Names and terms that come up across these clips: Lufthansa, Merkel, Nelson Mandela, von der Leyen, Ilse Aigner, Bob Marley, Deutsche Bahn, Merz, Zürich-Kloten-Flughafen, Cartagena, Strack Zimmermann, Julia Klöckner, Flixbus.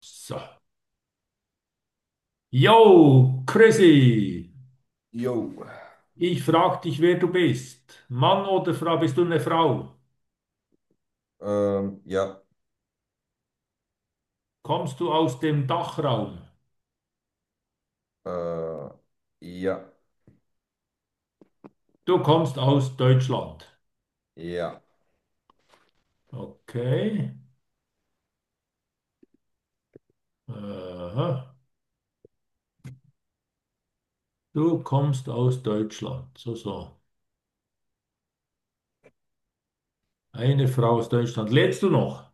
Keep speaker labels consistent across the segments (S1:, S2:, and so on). S1: So. Yo, Chrissy,
S2: Jo.
S1: ich frag dich, wer du bist. Mann oder Frau, bist du eine Frau?
S2: Ja.
S1: Kommst du aus dem Dachraum?
S2: Äh, ja.
S1: Du kommst aus Deutschland.
S2: Ja.
S1: Okay. Aha. Du kommst aus Deutschland. So, so. Eine Frau aus Deutschland. Lebst du noch?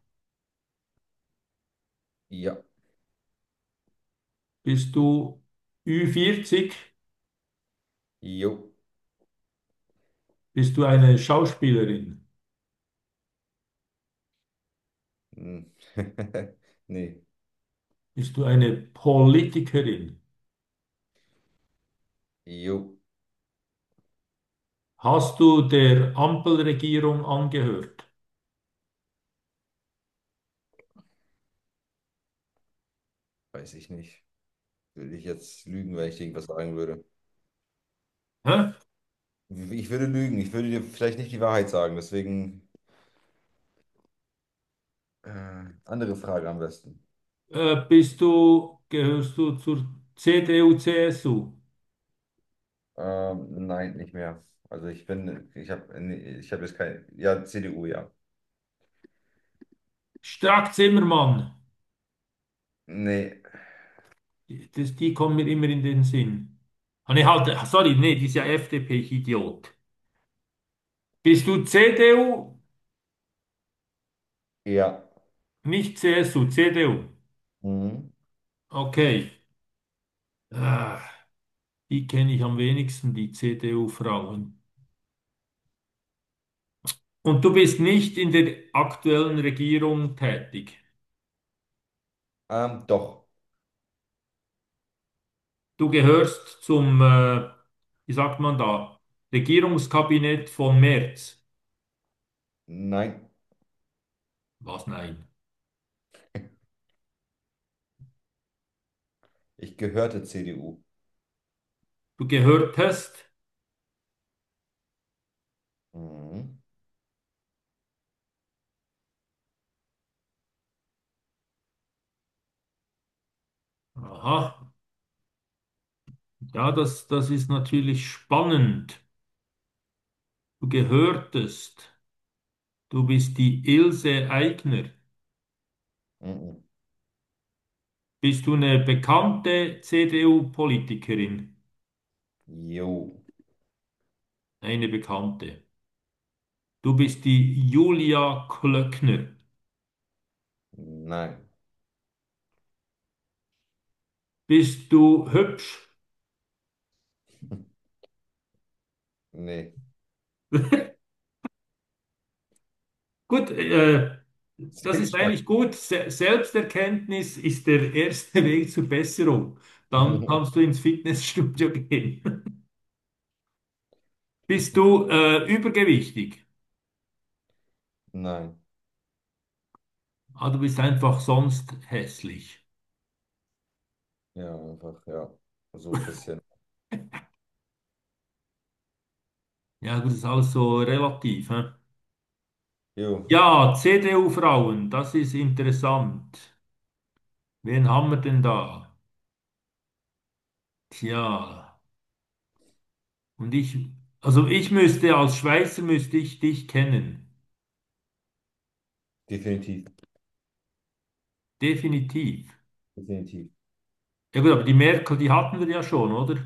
S2: Ja.
S1: Bist du ü 40?
S2: Jo.
S1: Bist du eine Schauspielerin?
S2: Hm. Nee.
S1: Bist du eine Politikerin?
S2: Jo.
S1: Hast du der Ampelregierung angehört?
S2: Weiß ich nicht. Würde ich jetzt lügen, wenn ich irgendwas sagen würde.
S1: Hä?
S2: Ich würde lügen. Ich würde dir vielleicht nicht die Wahrheit sagen. Deswegen andere Frage am besten.
S1: Bist gehörst du zur CDU, CSU?
S2: Nein, nicht mehr. Also ich bin, ich habe, nee, ich habe jetzt kein, ja, CDU, ja.
S1: Strack Zimmermann,
S2: Nee,
S1: die kommen mir immer in den Sinn. Ah, nee, halt, ah, sorry, nee, die ist ja FDP, ich Idiot. Bist du CDU?
S2: ja.
S1: Nicht CSU, CDU.
S2: Mhm.
S1: Okay. Ah, die kenne ich am wenigsten, die CDU-Frauen. Und du bist nicht in der aktuellen Regierung tätig.
S2: Doch.
S1: Du gehörst zum, wie sagt man da, Regierungskabinett von Merz.
S2: Nein,
S1: Was? Nein.
S2: ich gehörte CDU.
S1: Du gehört hast.
S2: Mhm.
S1: Aha, ja, das ist natürlich spannend. Du gehörtest. Du bist die Ilse Aigner.
S2: Mhm.
S1: Bist du eine bekannte CDU-Politikerin?
S2: Jo,
S1: Eine bekannte. Du bist die Julia Klöckner.
S2: nein.
S1: Bist du hübsch?
S2: Nee.
S1: Gut, das
S2: Sehr
S1: ist
S2: Geschmack.
S1: eigentlich gut. Se Selbsterkenntnis ist der erste Weg zur Besserung. Dann kannst du ins Fitnessstudio gehen. Bist du übergewichtig?
S2: Nein.
S1: Ah, du bist einfach sonst hässlich.
S2: Ja, einfach, ja. So ein bisschen.
S1: Ja, gut, das ist alles so relativ. Hä?
S2: Jo,
S1: Ja, CDU-Frauen, das ist interessant. Wen haben wir denn da? Tja, und ich, also ich müsste, als Schweizer müsste ich dich kennen.
S2: definitiv.
S1: Definitiv.
S2: Definitiv.
S1: Ja gut, aber die Merkel, die hatten wir ja schon, oder?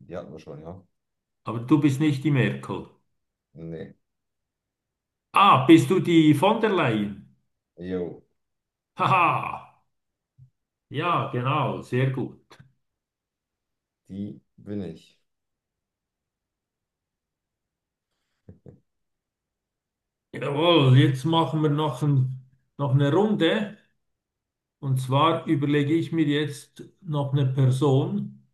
S2: Die hatten wir schon, ja?
S1: Aber du bist nicht die Merkel.
S2: Nee.
S1: Ah, bist du die von der Leyen?
S2: Jo,
S1: Haha, ja, genau, sehr gut.
S2: die bin ich.
S1: Jawohl, jetzt machen wir noch eine Runde. Und zwar überlege ich mir jetzt noch eine Person,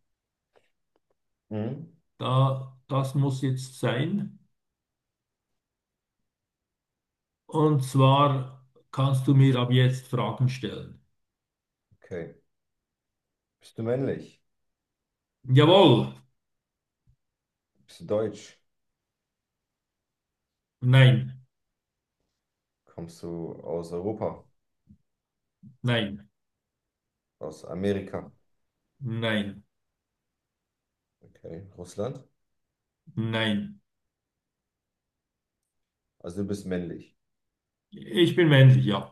S2: Mhm.
S1: da das muss jetzt sein. Und zwar kannst du mir ab jetzt Fragen stellen.
S2: Okay. Bist du männlich?
S1: Jawohl,
S2: Bist du deutsch?
S1: nein,
S2: Kommst du aus Europa?
S1: nein,
S2: Aus Amerika?
S1: nein,
S2: Okay. Russland?
S1: nein.
S2: Also du bist männlich.
S1: Ich bin männlich, ja.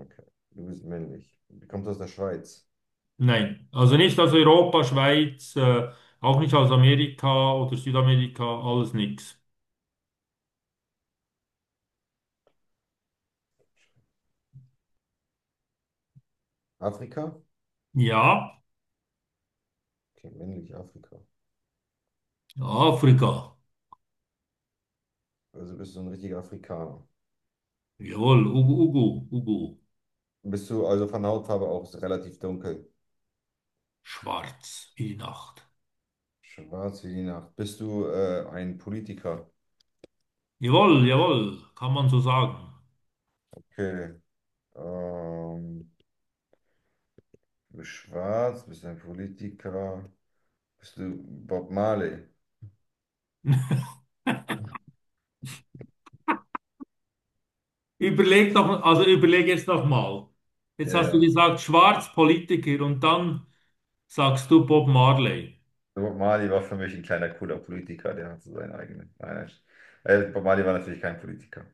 S2: Okay. Du bist männlich. Du kommst aus der Schweiz.
S1: Nein. Also nicht aus Europa, Schweiz, auch nicht aus Amerika oder Südamerika, alles nix.
S2: Afrika?
S1: Ja,
S2: Okay, männlich Afrika.
S1: Afrika.
S2: Also bist du ein richtiger Afrikaner.
S1: Jawohl, Ugu, Ugu, Ugu.
S2: Bist du also von Hautfarbe auch relativ dunkel?
S1: Schwarz wie die Nacht.
S2: Schwarz wie die Nacht. Bist du ein Politiker?
S1: Jawohl, jawohl, kann man so sagen.
S2: Okay. Ähm, Du bist schwarz, bist ein Politiker. Bist du Bob Marley?
S1: Überleg doch, also überleg jetzt noch mal. Jetzt
S2: Ja,
S1: hast du
S2: ja.
S1: gesagt, schwarz Politiker und dann sagst du Bob Marley.
S2: Bob Marley war für mich ein kleiner, cooler Politiker. Der hat so seinen eigenen. Nein, nein. Bob Marley war natürlich kein Politiker.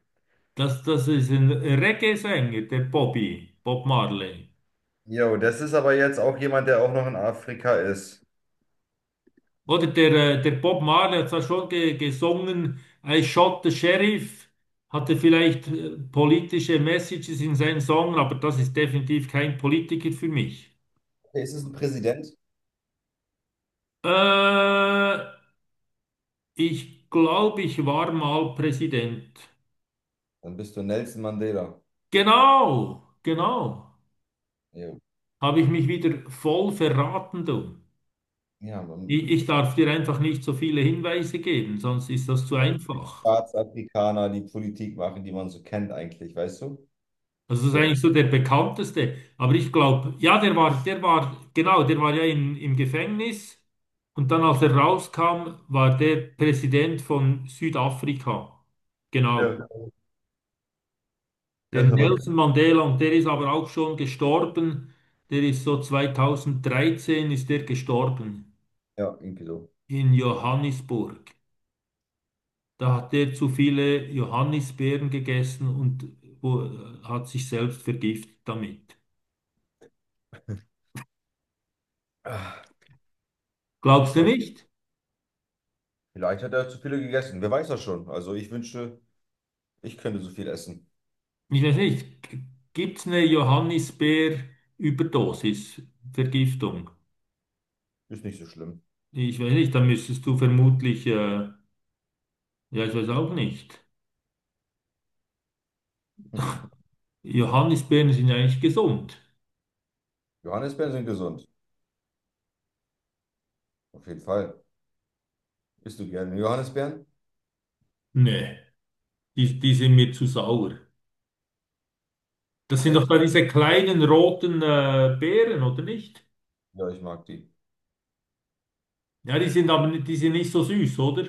S1: Das ist ein Reggae-Sänger, der Bobby, Bob Marley.
S2: Jo, das ist aber jetzt auch jemand, der auch noch in Afrika ist.
S1: Oder der Bob Marley hat zwar schon ge gesungen, I shot the sheriff, hatte vielleicht politische Messages in seinen Songs, aber das ist definitiv kein Politiker für mich.
S2: Okay, ist es ein Präsident?
S1: Äh, Ich glaube, ich war mal Präsident.
S2: Dann bist du Nelson Mandela.
S1: Genau, genau.
S2: Jo.
S1: Habe ich mich wieder voll verraten, du.
S2: Ja, man,
S1: Ich darf dir einfach nicht so viele Hinweise geben, sonst ist das zu einfach.
S2: Staatsafrikaner, die Politik machen, die man so kennt eigentlich, weißt du?
S1: Also das ist
S2: So,
S1: eigentlich so
S2: jetzt-
S1: der bekannteste. Aber ich glaube, ja, genau, der war ja im Gefängnis. Und dann, als er rauskam, war der Präsident von Südafrika. Genau.
S2: Ja, ja,
S1: Der
S2: ist aber.
S1: Nelson Mandela, und der ist aber auch schon gestorben, der ist so 2013 ist der gestorben
S2: Ja, irgendwie so.
S1: in Johannisburg. Da hat der zu viele Johannisbeeren gegessen und hat sich selbst vergiftet damit.
S2: Ah,
S1: Glaubst du
S2: okay.
S1: nicht?
S2: Vielleicht hat er zu viele gegessen. Wer weiß das schon? Also ich wünschte, ich könnte so viel essen.
S1: Ich weiß nicht. Gibt es eine Johannisbeer-Überdosis, Vergiftung?
S2: Ist nicht so schlimm.
S1: Ich weiß nicht, da müsstest du vermutlich, ja, ich weiß auch nicht. Johannisbeeren sind ja eigentlich gesund.
S2: Johannisbeeren sind gesund. Auf jeden Fall. Isst du gerne Johannisbeeren?
S1: Nee. Die sind mir zu sauer. Das sind doch
S2: Echt?
S1: da diese kleinen roten Beeren, oder nicht?
S2: Ja, ich mag die.
S1: Ja, die sind aber nicht, die sind nicht so süß, oder?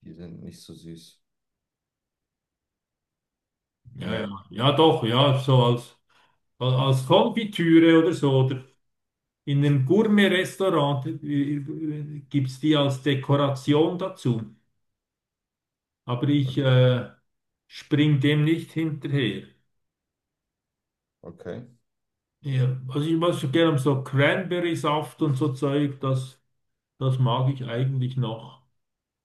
S2: Die sind nicht so süß.
S1: Ja, ja,
S2: Nee.
S1: ja, doch, ja, so als, als Konfitüre oder so, oder in einem Gourmet-Restaurant gibt es die als Dekoration dazu. Aber ich
S2: Okay.
S1: spring dem nicht hinterher.
S2: Okay.
S1: Ja, also ich mag so gerne so Cranberry-Saft und so Zeug, das mag ich eigentlich noch.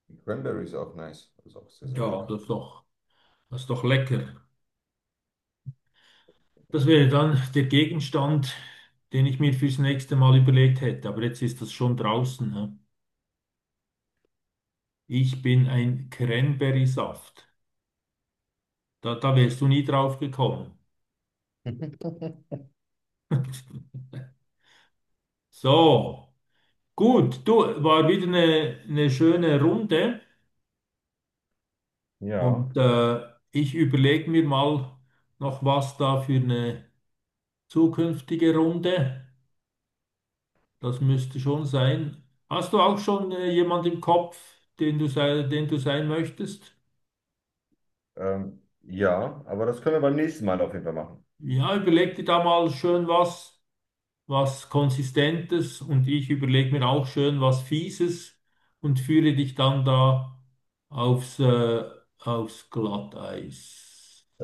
S2: Die Cranberry ist auch nice. Ist auch sehr, sehr
S1: Ja,
S2: lecker.
S1: das doch. Das ist doch lecker. Das wäre dann der Gegenstand, den ich mir fürs nächste Mal überlegt hätte. Aber jetzt ist das schon draußen. Hä? Ich bin ein Cranberry-Saft. Da, da wärst du nie drauf gekommen. So, gut. Du, war wieder eine schöne Runde.
S2: Ja,
S1: Und ich überlege mir mal noch was da für eine zukünftige Runde. Das müsste schon sein. Hast du auch schon jemand im Kopf, den du sein möchtest?
S2: ja, aber das können wir beim nächsten Mal auf jeden Fall machen.
S1: Ja, überleg dir da mal schön was, was Konsistentes, und ich überlege mir auch schön was Fieses und führe dich dann da aufs, aufs Glatteis.